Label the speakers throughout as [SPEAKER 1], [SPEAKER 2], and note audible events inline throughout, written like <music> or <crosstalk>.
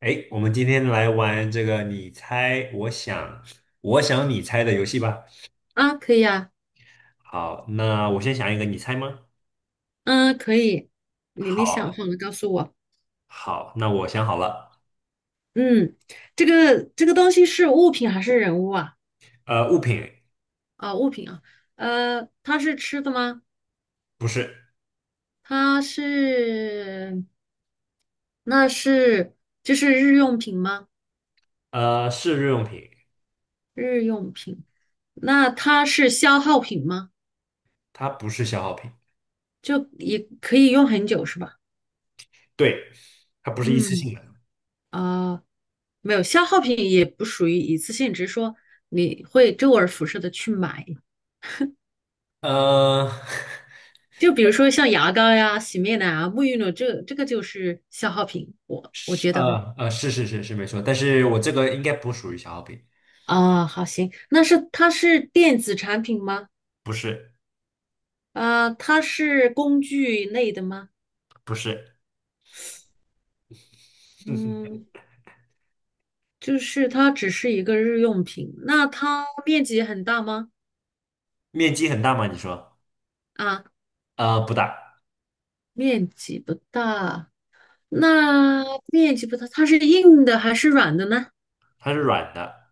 [SPEAKER 1] 哎，我们今天来玩这个你猜我想，我想你猜的游戏吧。
[SPEAKER 2] 啊，可以啊。
[SPEAKER 1] 好，那我先想一个，你猜吗？
[SPEAKER 2] 嗯，可以，你想
[SPEAKER 1] 好，
[SPEAKER 2] 好了告诉我。
[SPEAKER 1] 好，那我想好了。
[SPEAKER 2] 嗯，这个东西是物品还是人物啊？
[SPEAKER 1] 物品。
[SPEAKER 2] 啊，物品啊。它是吃的吗？
[SPEAKER 1] 不是，
[SPEAKER 2] 它是，那是就是日用品吗？
[SPEAKER 1] 是日用品，
[SPEAKER 2] 日用品，那它是消耗品吗？
[SPEAKER 1] 它不是消耗品，
[SPEAKER 2] 就也可以用很久是吧？
[SPEAKER 1] 对，它不是一次
[SPEAKER 2] 嗯，
[SPEAKER 1] 性的。
[SPEAKER 2] 啊，没有，消耗品也不属于一次性，只是说你会周而复始的去买。
[SPEAKER 1] 呃，
[SPEAKER 2] 就比如说像牙膏呀、洗面奶啊、沐浴露，这个就是消耗品，
[SPEAKER 1] <laughs>
[SPEAKER 2] 我
[SPEAKER 1] 是，
[SPEAKER 2] 觉得哈。
[SPEAKER 1] 是是是是没错，但是我这个应该不属于消耗品，
[SPEAKER 2] 啊，好行，那是它是电子产品吗？
[SPEAKER 1] 不是，
[SPEAKER 2] 啊，它是工具类的吗？
[SPEAKER 1] 不是。<laughs>
[SPEAKER 2] 嗯，就是它只是一个日用品，那它面积很大吗？
[SPEAKER 1] 面积很大吗？你说？
[SPEAKER 2] 啊，
[SPEAKER 1] 不大，
[SPEAKER 2] 面积不大，那面积不大，它是硬的还是软的呢？
[SPEAKER 1] 它是软的，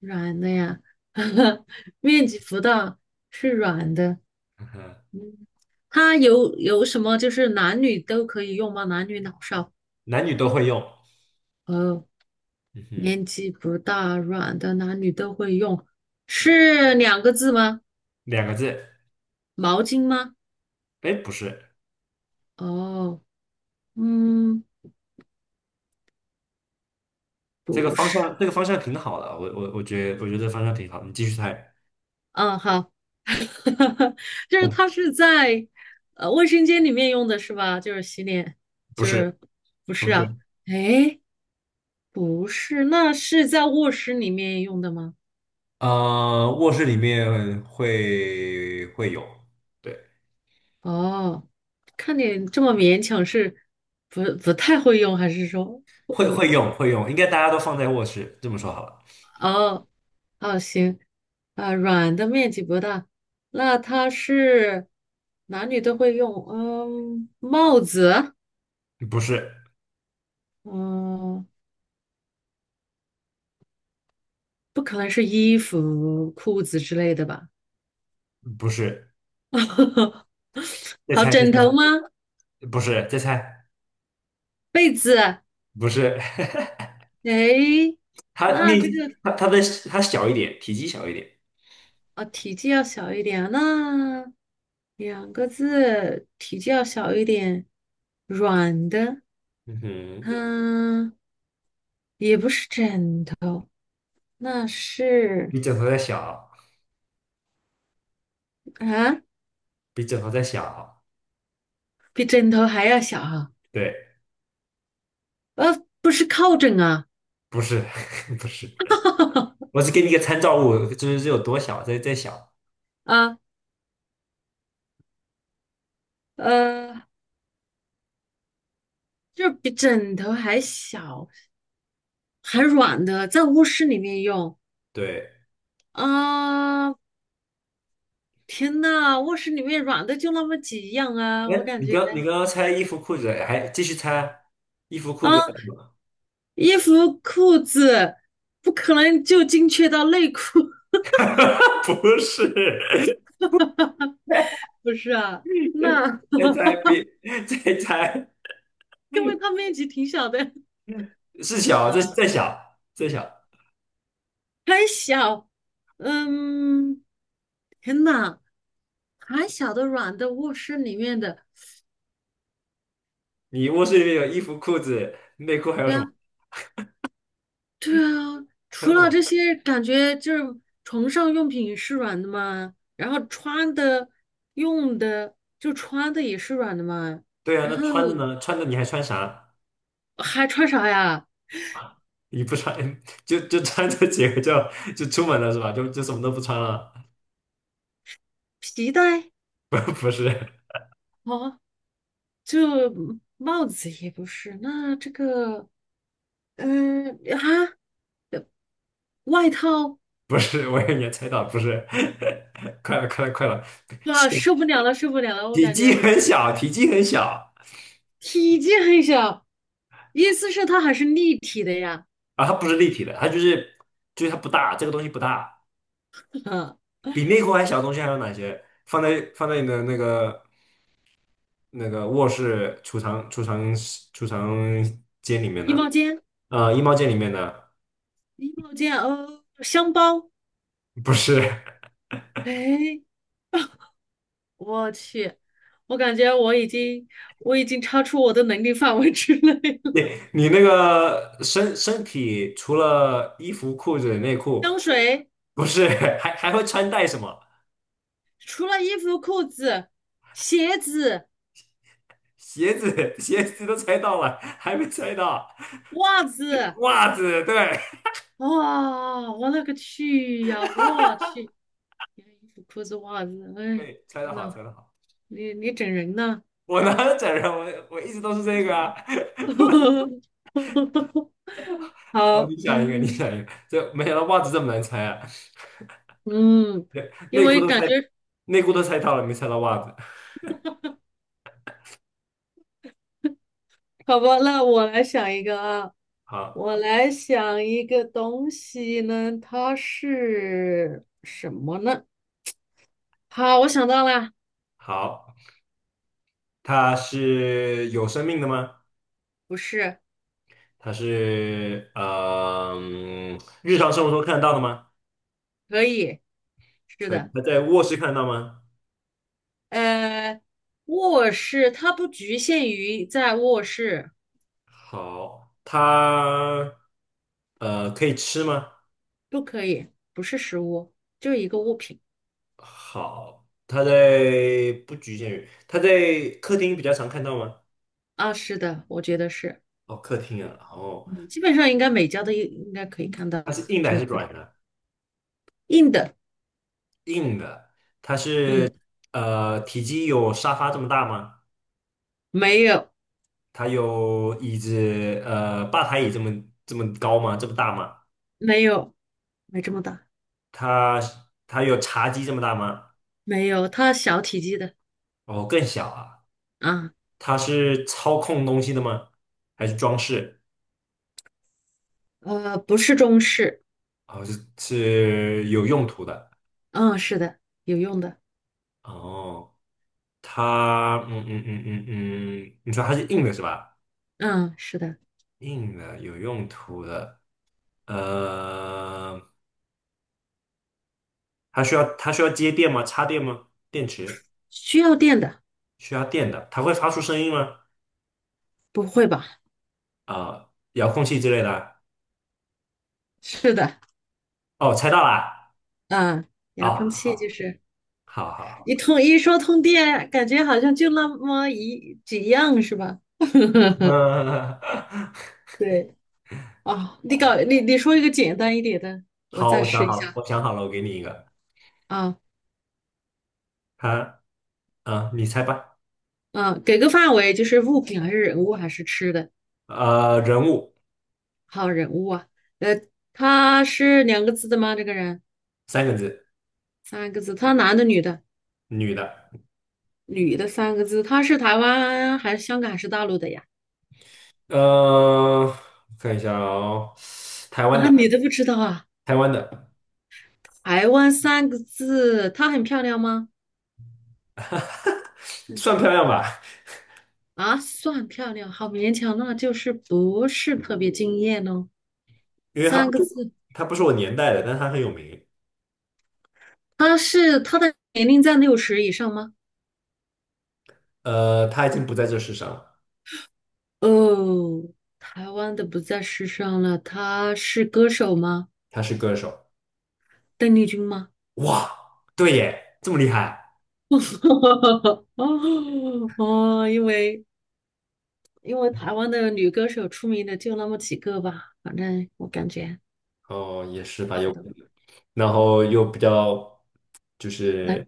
[SPEAKER 2] 软的呀，<laughs> 面积不大，是软的。
[SPEAKER 1] 嗯哼，
[SPEAKER 2] 嗯它有什么就是男女都可以用吗？男女老少？
[SPEAKER 1] 男女都会用。
[SPEAKER 2] 哦，
[SPEAKER 1] 嗯哼，
[SPEAKER 2] 年纪不大，软的男女都会用，是两个字吗？
[SPEAKER 1] 两个字，
[SPEAKER 2] 毛巾吗？
[SPEAKER 1] 哎，不是，
[SPEAKER 2] 哦，嗯，
[SPEAKER 1] 这个
[SPEAKER 2] 不
[SPEAKER 1] 方
[SPEAKER 2] 是，
[SPEAKER 1] 向，这个方向挺好的，我觉得，我觉得这方向挺好，你继续猜，
[SPEAKER 2] 嗯，好，<laughs> 就是它是在卫生间里面用的是吧？就是洗脸，
[SPEAKER 1] 不
[SPEAKER 2] 就
[SPEAKER 1] 是，
[SPEAKER 2] 是不
[SPEAKER 1] 不
[SPEAKER 2] 是
[SPEAKER 1] 是，
[SPEAKER 2] 啊？哎，不是，那是在卧室里面用的吗？
[SPEAKER 1] 卧室里面会有，对，
[SPEAKER 2] 哦，看你这么勉强是不太会用，还是说会
[SPEAKER 1] 会会
[SPEAKER 2] 用？
[SPEAKER 1] 用会用，应该大家都放在卧室，这么说好了，
[SPEAKER 2] 哦哦，行，啊，软的面积不大，那它是男女都会用，嗯，帽子，
[SPEAKER 1] 不是，
[SPEAKER 2] 嗯，不可能是衣服、裤子之类的吧？
[SPEAKER 1] 不是，
[SPEAKER 2] <laughs>
[SPEAKER 1] 再
[SPEAKER 2] 好，
[SPEAKER 1] 猜再
[SPEAKER 2] 枕头
[SPEAKER 1] 猜，
[SPEAKER 2] 吗？
[SPEAKER 1] 不是，再猜，
[SPEAKER 2] 被子？
[SPEAKER 1] 不是，
[SPEAKER 2] 诶，
[SPEAKER 1] <laughs> 它
[SPEAKER 2] 那
[SPEAKER 1] 面
[SPEAKER 2] 这个。
[SPEAKER 1] 积，它的它小一点，体积小一点，
[SPEAKER 2] 啊，体积要小一点，那两个字，体积要小一点，软的，
[SPEAKER 1] 嗯哼，
[SPEAKER 2] 嗯，也不是枕头，那是
[SPEAKER 1] 比枕头再小，
[SPEAKER 2] 啊，
[SPEAKER 1] 比枕头再小，
[SPEAKER 2] 比枕头还要小啊，
[SPEAKER 1] 对，
[SPEAKER 2] 不是靠枕啊，
[SPEAKER 1] 不是，<laughs> 不是。我只给你一个参照物，就是这有多小，再在小。
[SPEAKER 2] 啊，呃，就是比枕头还小，还软的，在卧室里面用
[SPEAKER 1] 对，
[SPEAKER 2] 啊，天呐，卧室里面软的就那么几样啊，我
[SPEAKER 1] 哎，
[SPEAKER 2] 感
[SPEAKER 1] 你
[SPEAKER 2] 觉。
[SPEAKER 1] 刚你刚刚猜衣服裤子，还继续猜衣服裤子，
[SPEAKER 2] 衣服、裤子不可能就精确到内裤，<laughs>
[SPEAKER 1] <laughs> 不是，
[SPEAKER 2] 不是啊？那
[SPEAKER 1] <laughs> 再猜
[SPEAKER 2] <laughs>
[SPEAKER 1] 别再猜
[SPEAKER 2] 因为它面积挺小的，
[SPEAKER 1] 是小，这是
[SPEAKER 2] 呃，
[SPEAKER 1] 再小再小。
[SPEAKER 2] 嗯，天呐，还小的软的卧室里面的，
[SPEAKER 1] 你卧室里面有衣服裤子，
[SPEAKER 2] 对啊，对啊，
[SPEAKER 1] 穿
[SPEAKER 2] 除
[SPEAKER 1] 什
[SPEAKER 2] 了这
[SPEAKER 1] 么？
[SPEAKER 2] 些，感觉就是床上用品是软的嘛，然后穿的、用的，就穿的也是软的嘛，
[SPEAKER 1] 对啊，
[SPEAKER 2] 然
[SPEAKER 1] 那
[SPEAKER 2] 后
[SPEAKER 1] 穿着呢？穿着你还穿啥？
[SPEAKER 2] 还穿啥呀？
[SPEAKER 1] 你不穿就穿这几个就出门了是吧？就什么都不穿了？
[SPEAKER 2] 皮带。
[SPEAKER 1] <laughs> 不是，
[SPEAKER 2] 哦，就帽子也不是，那这个，嗯啊，外套
[SPEAKER 1] <laughs> 不是，我也猜到，不是，<laughs> 快了，快了，快了，
[SPEAKER 2] 啊，
[SPEAKER 1] 体
[SPEAKER 2] 受不了了，受不了了，我
[SPEAKER 1] 体
[SPEAKER 2] 感
[SPEAKER 1] 积
[SPEAKER 2] 觉
[SPEAKER 1] 很小，体积很小。
[SPEAKER 2] 体积很小，意思是它还是立体的呀，
[SPEAKER 1] 啊，它不是立体的，它就是它不大，这个东西不大，
[SPEAKER 2] 啊，
[SPEAKER 1] 比内裤还小的东西还有哪些？放在你的那个卧室储藏间里面
[SPEAKER 2] 衣
[SPEAKER 1] 的，
[SPEAKER 2] 帽间，
[SPEAKER 1] 衣帽间里面的，
[SPEAKER 2] 衣帽间，哦，香包，
[SPEAKER 1] 不是，
[SPEAKER 2] 哎，我去，我感觉我已经超出我的能力范围之内
[SPEAKER 1] <laughs>
[SPEAKER 2] 了。
[SPEAKER 1] 你你那个身体除了衣服、裤子、内裤，
[SPEAKER 2] 香水
[SPEAKER 1] 不是，还会穿戴什么？
[SPEAKER 2] 除了衣服、裤子、鞋子、
[SPEAKER 1] 鞋子，<laughs> 鞋子都猜到了，还没猜到，
[SPEAKER 2] 袜子。
[SPEAKER 1] 袜子，对，
[SPEAKER 2] 哇，我勒个去呀！我去，你看衣服、裤子、袜子，
[SPEAKER 1] <laughs>
[SPEAKER 2] 哎，
[SPEAKER 1] 对，猜
[SPEAKER 2] 天
[SPEAKER 1] 得好，
[SPEAKER 2] 呐，
[SPEAKER 1] 猜得好，
[SPEAKER 2] 你整人呢？
[SPEAKER 1] 我哪有整人，我一直都是这个啊。
[SPEAKER 2] <laughs>
[SPEAKER 1] <laughs> 好，
[SPEAKER 2] 好，
[SPEAKER 1] 你想一个，你
[SPEAKER 2] 嗯
[SPEAKER 1] 想一个，这没想到袜子这么难猜啊。
[SPEAKER 2] 嗯，
[SPEAKER 1] <laughs>
[SPEAKER 2] 因
[SPEAKER 1] 内裤
[SPEAKER 2] 为
[SPEAKER 1] 都
[SPEAKER 2] 感
[SPEAKER 1] 猜，
[SPEAKER 2] 觉
[SPEAKER 1] 内裤都猜到了，没猜到袜子。
[SPEAKER 2] 好吧，那我来想一个啊，
[SPEAKER 1] 好，
[SPEAKER 2] 我来想一个东西呢，它是什么呢？好，我想到了，
[SPEAKER 1] 好，它是有生命的吗？
[SPEAKER 2] 不是，
[SPEAKER 1] 它是日常生活中看得到的吗？
[SPEAKER 2] 可以，是
[SPEAKER 1] 可以，
[SPEAKER 2] 的。
[SPEAKER 1] 它在卧室看得到吗？
[SPEAKER 2] 呃，卧室它不局限于在卧室，
[SPEAKER 1] 好，它可以吃吗？
[SPEAKER 2] 不可以，不是实物，就是一个物品
[SPEAKER 1] 好，它在不局限于，它在客厅比较常看到吗？
[SPEAKER 2] 啊。是的，我觉得是，
[SPEAKER 1] 哦，客厅啊，哦，
[SPEAKER 2] 嗯，基本上应该每家都应该可以看到，
[SPEAKER 1] 它是硬的
[SPEAKER 2] 就
[SPEAKER 1] 还
[SPEAKER 2] 是
[SPEAKER 1] 是
[SPEAKER 2] 客厅
[SPEAKER 1] 软的？
[SPEAKER 2] 硬的，
[SPEAKER 1] 硬的，它
[SPEAKER 2] 嗯，
[SPEAKER 1] 是体积有沙发这么大吗？
[SPEAKER 2] 没有，
[SPEAKER 1] 它有椅子吧台椅这么高吗？这么大吗？
[SPEAKER 2] 没有，没这么大，
[SPEAKER 1] 它它有茶几这么大吗？
[SPEAKER 2] 没有，它小体积的
[SPEAKER 1] 哦，更小啊。
[SPEAKER 2] 啊，
[SPEAKER 1] 它是操控东西的吗？还是装饰？
[SPEAKER 2] 呃，不是中式，
[SPEAKER 1] 哦，是是有用途的。
[SPEAKER 2] 嗯，是的，有用的，
[SPEAKER 1] 哦，它，你说它是硬的是吧？
[SPEAKER 2] 嗯，是的，
[SPEAKER 1] 硬的，有用途的。呃，它需要接电吗？插电吗？电池
[SPEAKER 2] 需要电的，
[SPEAKER 1] 需要电的，它会发出声音吗？
[SPEAKER 2] 不会吧？
[SPEAKER 1] 啊、遥控器之类的啊。
[SPEAKER 2] 是的，
[SPEAKER 1] 哦，猜到啦！
[SPEAKER 2] 嗯，遥
[SPEAKER 1] 哦，
[SPEAKER 2] 控器就是。
[SPEAKER 1] 好，好，
[SPEAKER 2] 一
[SPEAKER 1] 好，
[SPEAKER 2] 通一说通电，感觉好像就那么一几样是吧？<laughs>
[SPEAKER 1] 好，<laughs>
[SPEAKER 2] 对哦，你搞你你说一个简单一点的，我
[SPEAKER 1] 好，
[SPEAKER 2] 再
[SPEAKER 1] 我想
[SPEAKER 2] 试一
[SPEAKER 1] 好了，
[SPEAKER 2] 下
[SPEAKER 1] 我想好了，我给你一个。
[SPEAKER 2] 啊
[SPEAKER 1] 它，嗯，你猜吧。
[SPEAKER 2] 啊，给个范围，就是物品还是人物还是吃的？
[SPEAKER 1] 人物
[SPEAKER 2] 好，人物啊。呃，他是两个字的吗？这个人
[SPEAKER 1] 三个字，
[SPEAKER 2] 三个字，他男的女的？
[SPEAKER 1] 女的。
[SPEAKER 2] 女的三个字，他是台湾还是香港还是大陆的呀？
[SPEAKER 1] 呃，看一下哦，台湾
[SPEAKER 2] 啊，
[SPEAKER 1] 的。
[SPEAKER 2] 你都不知道啊？
[SPEAKER 1] 台湾的
[SPEAKER 2] 台湾三个字，她很漂亮吗？
[SPEAKER 1] 算漂亮吧，
[SPEAKER 2] 啊，算漂亮，好勉强，那就是不是特别惊艳哦。
[SPEAKER 1] 因为它不
[SPEAKER 2] 三个
[SPEAKER 1] 是
[SPEAKER 2] 字，
[SPEAKER 1] 它不是我年代的，但它很有名。
[SPEAKER 2] 她的年龄在60以上吗？
[SPEAKER 1] 他已经不在这世上了，
[SPEAKER 2] 哦，台湾的不在世上了，她是歌手吗？
[SPEAKER 1] 他是歌手。
[SPEAKER 2] 邓丽君吗？
[SPEAKER 1] 哇，对耶，这么厉害。
[SPEAKER 2] <laughs> 哦哦，因为台湾的女歌手出名的就那么几个吧，反正我感觉
[SPEAKER 1] 哦，也是吧，
[SPEAKER 2] 差不
[SPEAKER 1] 有可
[SPEAKER 2] 多。
[SPEAKER 1] 能。然后又比较就是
[SPEAKER 2] 难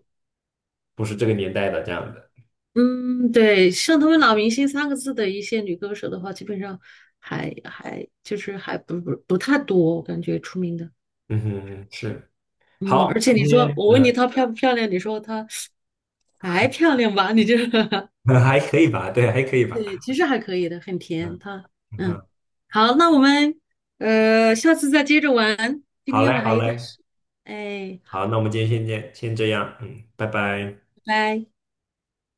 [SPEAKER 1] 不是这个年代的这样的。
[SPEAKER 2] 嗯，对，像他们“老明星”三个字的一些女歌手的话，基本上还还就是还不不不太多，我感觉出名的。
[SPEAKER 1] 嗯哼，是。好，
[SPEAKER 2] 嗯，而且
[SPEAKER 1] 今
[SPEAKER 2] 你说
[SPEAKER 1] 天
[SPEAKER 2] 我问你她漂不漂亮，你说她还漂亮吧？你就 <laughs>
[SPEAKER 1] <laughs> 还可以吧，对，还可以吧。
[SPEAKER 2] 对，其实还可以的，很
[SPEAKER 1] 嗯
[SPEAKER 2] 甜。她嗯，
[SPEAKER 1] 嗯，
[SPEAKER 2] 好，那我们下次再接着玩。今
[SPEAKER 1] 好嘞，
[SPEAKER 2] 天我
[SPEAKER 1] 好
[SPEAKER 2] 还有点
[SPEAKER 1] 嘞，
[SPEAKER 2] 事，哎，
[SPEAKER 1] 好，那我们今天先这样，嗯，拜拜。
[SPEAKER 2] 拜拜。